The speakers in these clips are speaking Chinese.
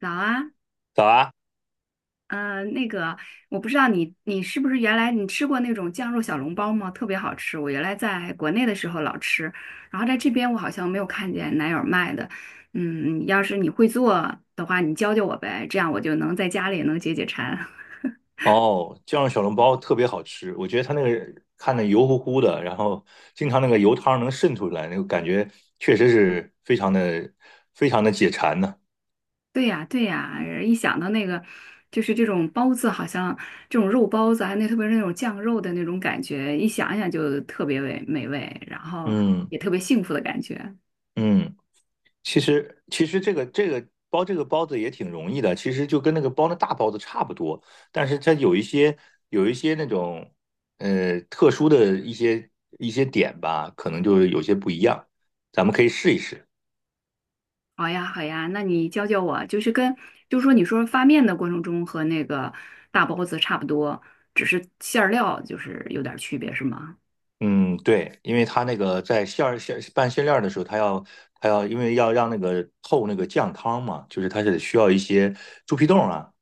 早啊，早啊！呃，那个，我不知道你是不是原来你吃过那种酱肉小笼包吗？特别好吃，我原来在国内的时候老吃，然后在这边我好像没有看见哪有卖的。嗯，要是你会做的话，你教教我呗，这样我就能在家里也能解解馋。哦，酱肉小笼包特别好吃，我觉得它那个看着油乎乎的，然后经常那个油汤能渗出来，那个感觉确实是非常的、非常的解馋呢、对呀，对呀，一想到那个，就是这种包子，好像这种肉包子，还有那特别是那种酱肉的那种感觉，一想一想就特别美味，然后嗯也特别幸福的感觉。嗯，其实这个这个包这个包子也挺容易的。其实就跟那个包那大包子差不多，但是它有一些那种特殊的一些点吧，可能就是有些不一样，咱们可以试一试。好呀，好呀，那你教教我，就是跟，就是说你说发面的过程中和那个大包子差不多，只是馅儿料就是有点儿区别，是吗？嗯，对，因为他那个在馅儿馅拌馅料儿的时候，他要因为要让那个透那个酱汤嘛，就是他是需要一些猪皮冻啊、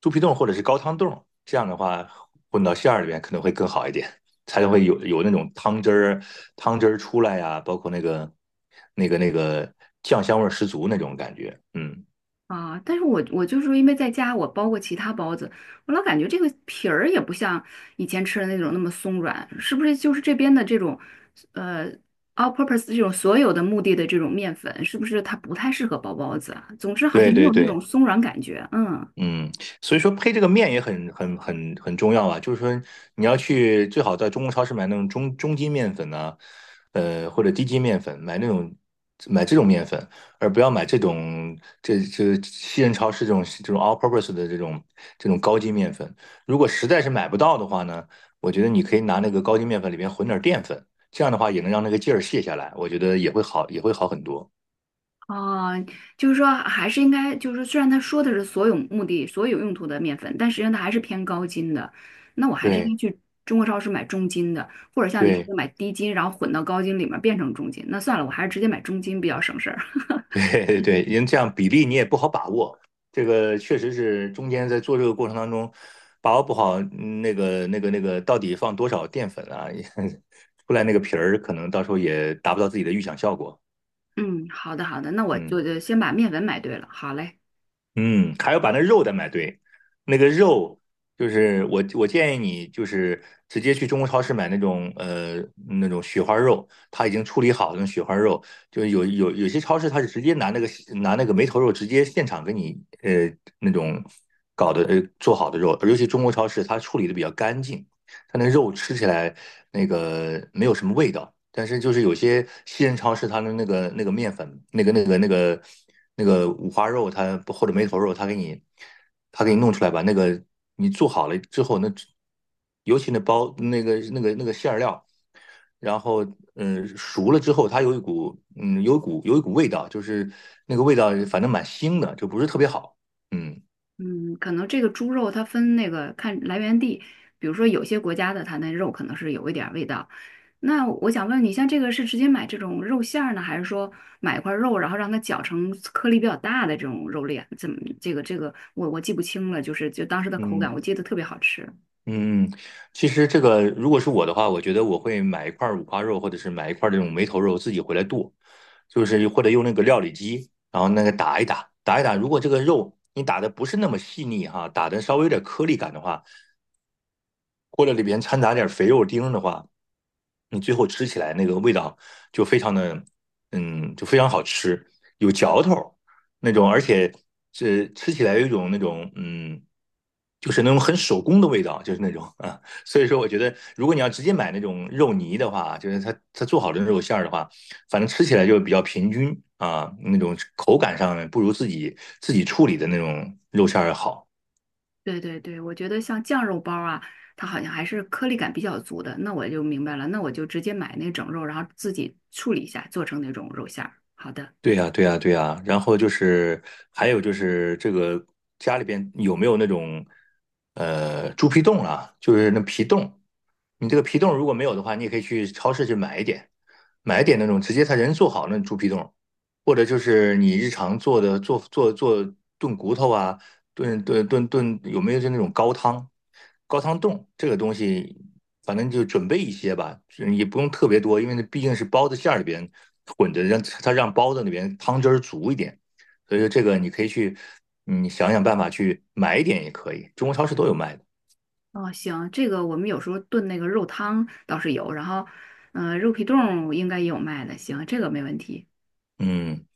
猪皮冻或者是高汤冻。这样的话混到馅儿里面可能会更好一点，才会有那种汤汁儿出来呀、包括那个酱香味儿十足那种感觉。嗯，啊，但是我就是因为在家我包过其他包子，我老感觉这个皮儿也不像以前吃的那种那么松软，是不是就是这边的这种，呃，all purpose 这种所有的目的的这种面粉，是不是它不太适合包包子啊？总之好像对没对有那对。种松软感觉，嗯。嗯，所以说配这个面也很重要啊，就是说你要去最好在中国超市买那种中筋面粉呢、或者低筋面粉，买这种面粉，而不要买这种这西人超市这种 all purpose 的这种高筋面粉。如果实在是买不到的话呢，我觉得你可以拿那个高筋面粉里边混点淀粉，这样的话也能让那个劲儿卸下来，我觉得也会好很多。哦，就是说还是应该，就是说虽然他说的是所有目的、所有用途的面粉，但实际上它还是偏高筋的。那我还是应对该去中国超市买中筋的，或者像你说对。的买低筋，然后混到高筋里面变成中筋。那算了，我还是直接买中筋比较省事儿。对 对，嗯，因为这样比例你也不好把握，这个确实是中间在做这个过程当中把握不好。嗯，那个到底放多少淀粉啊，也 出来那个皮儿可能到时候也达不到自己的预想效果。嗯，好的好的，那我嗯。就就先把面粉买对了。好嘞，嗯，还要把那肉得买对。那个肉就是我建议你就是直接去中国超市买那种那种雪花肉，它已经处理好的那种雪花肉，就是有些超市它是直接拿那个梅头肉直接现场给你那种搞的做好的肉。尤其中国超市它处理的比较干净，它那肉吃起来那个没有什么味道。但是就是有些西人超市它的面粉，那个五花肉它，或者梅头肉，它给你弄出来吧，那个你做好了之后，那尤其那包那个馅儿料，然后嗯熟了之后，它有一股有一股味道，就是那个味道反正蛮腥的，就不是特别好，嗯。嗯，可能这个猪肉它分那个看来源地，比如说有些国家的它那肉可能是有一点儿味道，那我想问你，像这个是直接买这种肉馅儿呢，还是说买一块肉，然后让它搅成颗粒比较大的这种肉粒啊？怎么这个我记不清了，就是就当时的口感，嗯，我记得特别好吃。嗯，其实这个如果是我的话，我觉得我会买一块儿五花肉，或者是买一块儿这种梅头肉，自己回来剁，就是或者用那个料理机，然后那个打一打，打一打。如果这个肉你打的不是那么细腻哈，打的稍微有点颗粒感的话，或者里边掺杂点肥肉丁儿的话，你最后吃起来那个味道就非常的，嗯，就非常好吃，有嚼头那种，而且是吃起来有一种那种，嗯，就是那种很手工的味道，就是那种啊。所以说，我觉得如果你要直接买那种肉泥的话，就是它做好的肉馅儿的话，反正吃起来就比较平均啊，那种口感上呢不如自己处理的那种肉馅儿要好。对对对，我觉得像酱肉包啊，它好像还是颗粒感比较足的。那我就明白了，那我就直接买那整肉，然后自己处理一下，做成那种肉馅儿。好的，对呀，对呀，对呀。然后就是还有就是这个家里边有没有那种猪皮冻啊，就是那皮冻。你这个皮冻如果没有的话，你也可以去超市去买一点，买一点那种直接他人做好那种猪皮冻。或者就是你日常做的做炖骨头啊，炖，有没有就那种高汤冻这个东西，反正就准备一些吧，也不用特别多，因为那毕竟是包子馅儿里边混着，让它让包子里边汤汁儿足一点。所以说这个你可以去，嗯，想想办法去买一点也可以，中国超市都有卖的，哦，行，这个我们有时候炖那个肉汤倒是有，然后，嗯、肉皮冻应该也有卖的，行，这个没问题。嗯。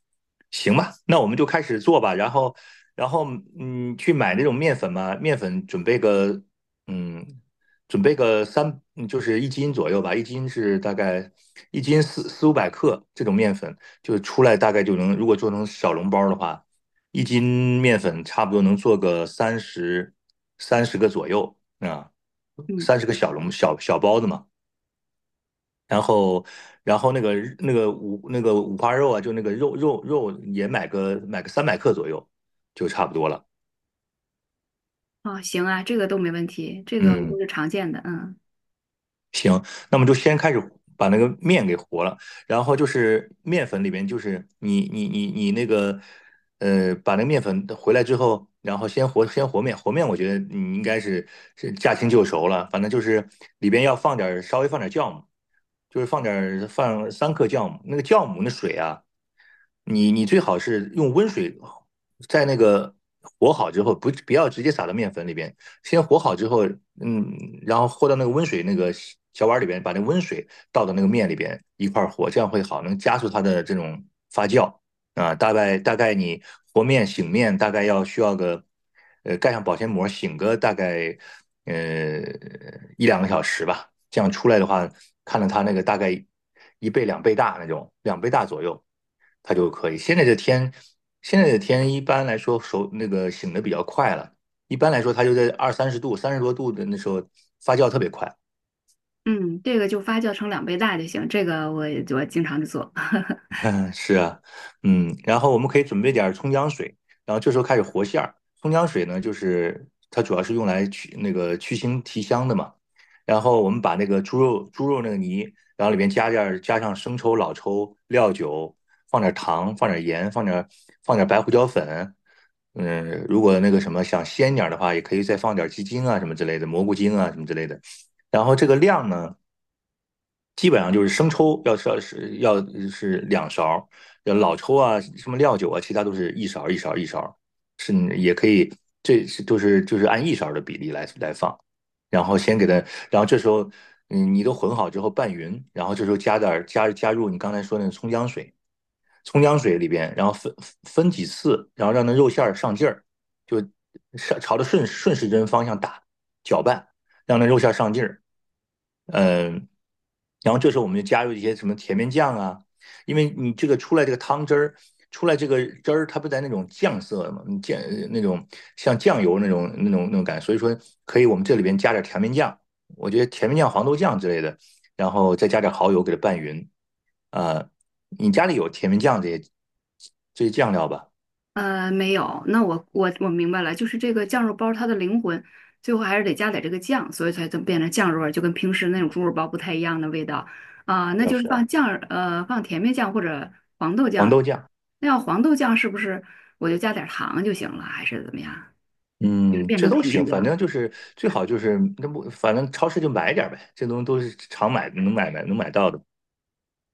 行吧，那我们就开始做吧。然后，然后，嗯，去买那种面粉嘛，面粉准备个，嗯，准备个就是一斤左右吧。一斤是大概一斤四五百克这种面粉，就出来大概就能，如果做成小笼包的话，一斤面粉差不多能做个三十个左右啊，嗯。三十个小笼小小包子嘛。然后，然后那个那个五那个五花肉啊，就那个肉也买个300克左右，就差不多了。哦，行啊，这个都没问题，这个嗯，都是常见的，嗯那么就先开始把那个面给和了。然后就是面粉里边就是你那个把那个面粉回来之后，然后先和面。和面我觉得你应该是是驾轻就熟了，反正就是里边要放点儿稍微放点儿酵母，就是放点儿放3克酵母，那个酵母那水啊。你最好是用温水在那个和好之后，不要直接撒到面粉里边，先和好之后，嗯，然后和到那个温水那个小碗里边，把那温水倒到那个面里边一块儿和，这样会好，能加速它的这种发酵啊。大概你和面醒面大概要需要个，呃，盖上保鲜膜醒个大概呃一两个小时吧。这样出来的话，看到它那个大概一倍两倍大那种，两倍大左右。它就可以。现在的天一般来说手那个醒的比较快了，一般来说它就在二三十度、30多度的那时候发酵特别快。嗯，这个就发酵成两倍大就行，这个我经常就做。嗯，是啊，嗯，然后我们可以准备点儿葱姜水，然后这时候开始和馅儿。葱姜水呢，就是它主要是用来去那个去腥提香的嘛。然后我们把那个猪肉那个泥，然后里面加点儿加上生抽、老抽、料酒，放点儿糖，放点儿盐，放点儿白胡椒粉。嗯，如果那个什么想鲜点儿的话，也可以再放点儿鸡精啊什么之类的，蘑菇精啊什么之类的。然后这个量呢？基本上就是生抽要是2勺老抽啊、什么料酒啊，其他都是一勺是也可以。这是就是按一勺的比例来放。然后先给它，然后这时候嗯你都混好之后拌匀，然后这时候加点儿加加入你刚才说的那个葱姜水，葱姜水里边，然后分几次，然后让那肉馅儿上劲儿，就上朝着顺时针方向打搅拌，让那肉馅儿上劲儿，嗯。然后这时候我们就加入一些什么甜面酱啊，因为你这个出来这个汤汁儿，出来这个汁儿，它不在那种酱色嘛，酱那种像酱油那种感觉，所以说可以我们这里边加点甜面酱。我觉得甜面酱、黄豆酱之类的，然后再加点蚝油给它拌匀。呃，你家里有甜面酱这些酱料吧？呃，没有，那我明白了，就是这个酱肉包它的灵魂，最后还是得加点这个酱，所以才能变成酱肉味儿就跟平时那种猪肉包不太一样的味道啊，那要就是是放酱，放甜面酱或者黄豆黄酱，豆酱，那要黄豆酱是不是我就加点糖就行了，还是怎么样？就是嗯，变这成都甜面行，反酱。正就是最好就是那不，反正超市就买点儿呗，这东西都是常买能买到的，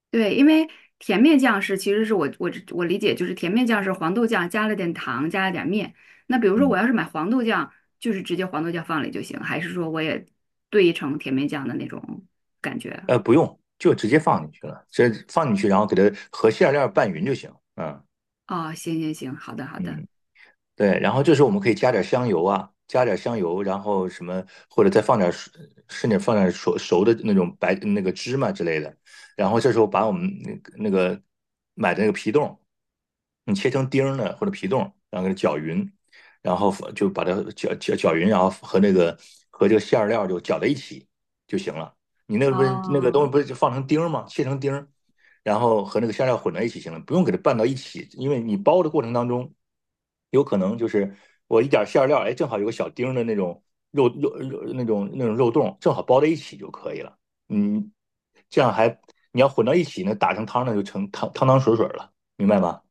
对，因为甜面酱是其实是我理解就是甜面酱是黄豆酱加了点糖加了点面。那比如说我嗯。要是买黄豆酱，就是直接黄豆酱放里就行，还是说我也兑成甜面酱的那种感觉？不用，就直接放进去了，直接放进去，然后给它和馅料拌匀就行。嗯哦，行行行，好的好的。嗯。对，然后这时候我们可以加点香油啊，加点香油，然后什么，或者再放点熟，甚至放点熟熟的那种白那个芝麻之类的。然后这时候把我们那个买的那个皮冻，你切成丁儿呢或者皮冻，然后给它搅匀，然后就把它搅匀，然后和那个和这个馅儿料就搅在一起就行了。你那个不是那个哦，东西不是就放成丁儿吗？切成丁儿，然后和那个馅料混在一起行了，不用给它拌到一起，因为你包的过程当中，有可能就是我一点馅料，哎，正好有个小丁的那种肉那种肉冻，正好包在一起就可以了。嗯，这样还你要混到一起呢，打成汤呢就成汤汤水水了，明白吗？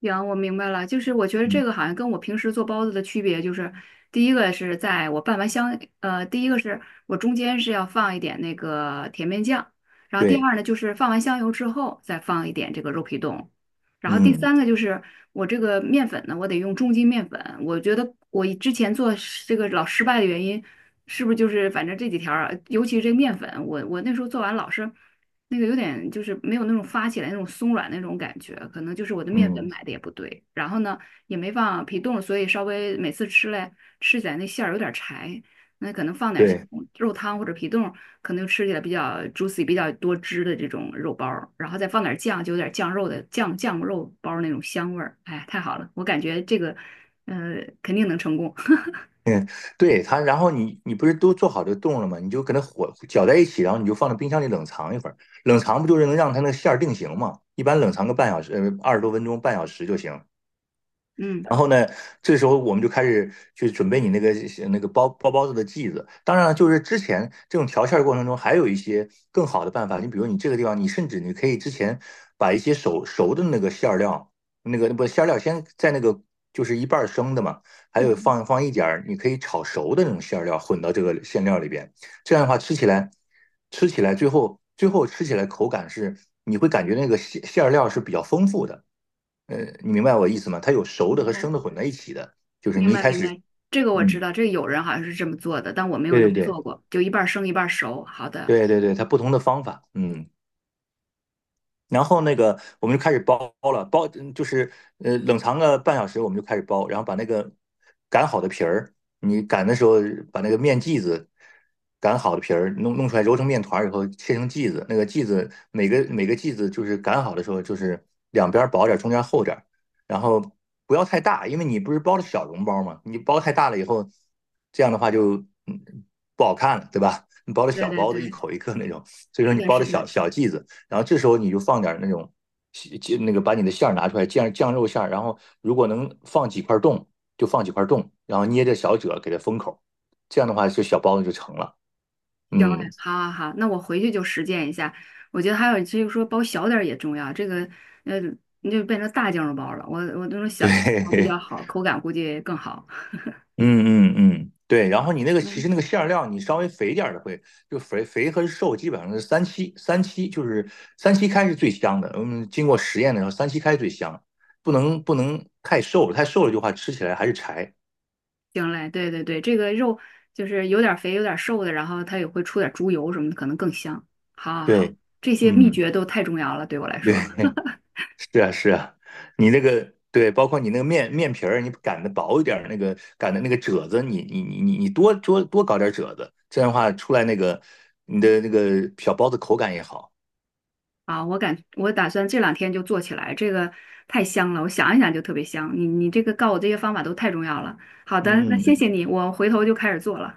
行，我明白了，就是我觉得这嗯，个好像跟我平时做包子的区别就是，第一个是在我拌完香，第一个是我中间是要放一点那个甜面酱，然后第对，二呢就是放完香油之后再放一点这个肉皮冻，然后第嗯三个就是我这个面粉呢，我得用中筋面粉，我觉得我之前做是这个老失败的原因，是不是就是反正这几条儿啊，尤其是这个面粉，我那时候做完老是。那个有点就是没有那种发起来那种松软那种感觉，可能就是我的面粉嗯，买的也不对，然后呢也没放皮冻，所以稍微每次吃起来那馅儿有点柴，那可能放点像对。肉汤或者皮冻，可能就吃起来比较 juicy 比较多汁的这种肉包儿，然后再放点酱，就有点酱肉的酱肉包儿那种香味儿，哎呀太好了，我感觉这个呃肯定能成功，嗯，对它，然后你不是都做好这个冻了吗？你就给它火搅在一起，然后你就放到冰箱里冷藏一会儿。冷藏不就是能让它那个馅儿定型吗？一般冷藏个半小时，二十多分钟，半小时就行。嗯然后呢，这时候我们就开始去准备你那个那个包包子的剂子。当然了，就是之前这种调馅儿过程中，还有一些更好的办法。你比如你这个地方，你甚至你可以之前把一些熟熟的那个馅儿料，那个不馅儿料先在那个就是一半儿生的嘛，还有嗯，放一点儿，你可以炒熟的那种馅儿料混到这个馅料里边。这样的话，吃起来最后吃起来口感是你会感觉那个馅儿料是比较丰富的。呃，你明白我意思吗？它有熟的明和白。生的混在一起的，就是明你一白开明始，白，这个我知嗯，道，这个有人好像是这么做的，但我没有对那对么对做过，就一半儿生一半儿熟。好的，对对对，它不同的方法，嗯。然后那个我们就开始包了，包嗯就是冷藏个半小时，我们就开始包，然后把那个擀好的皮儿，你擀的时候把那个面剂子擀好的皮儿弄出来，揉成面团儿以后切成剂子，那个剂子每个剂子就是擀好的时候就是两边薄点儿，中间厚点儿，然后不要太大，因为你不是包的小笼包嘛，你包太大了以后，这样的话就嗯不好看了，对吧？你包的对小对包子一对，口一个那种，所以说是你的，包是的小的，小剂子。然后这时候你就放点那种就那个把你的馅儿拿出来，酱肉馅儿，然后如果能放几块冻就放几块冻，然后捏着小褶给它封口，这样的话就小包子就成了。行嘞，嗯，好好好，那我回去就实践一下。我觉得还有就是说包小点儿也重要，这个呃，你就变成大酱肉包了，我那种小酱肉包比较对，好，口感估计更好。嗯嗯嗯，对。然后你那个其嗯，实那个馅儿料，你稍微肥点儿的会就肥和瘦基本上是三七，就是三七开是最香的。嗯，经过实验的时候，三七开最香，不能太瘦了，太瘦了就话吃起来还是柴。行嘞，对对对，这个肉就是有点儿肥有点儿瘦的，然后它也会出点儿猪油什么的，可能更香。好好好，对，这些秘嗯，诀都太重要了，对我来对。说。是啊，是啊，你那个对，包括你那个面皮儿，你擀的薄一点儿，那个擀的那个褶子，你多搞点褶子，这样的话出来那个你的那个小包子口感也好。啊，我打算这两天就做起来，这个太香了，我想一想就特别香。你这个告我这些方法都太重要了。好的，那嗯嗯，谢嗯谢你，我回头就开始做了。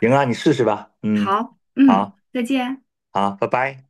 行啊，你试试吧。嗯，好，好，嗯，再见。好，拜拜。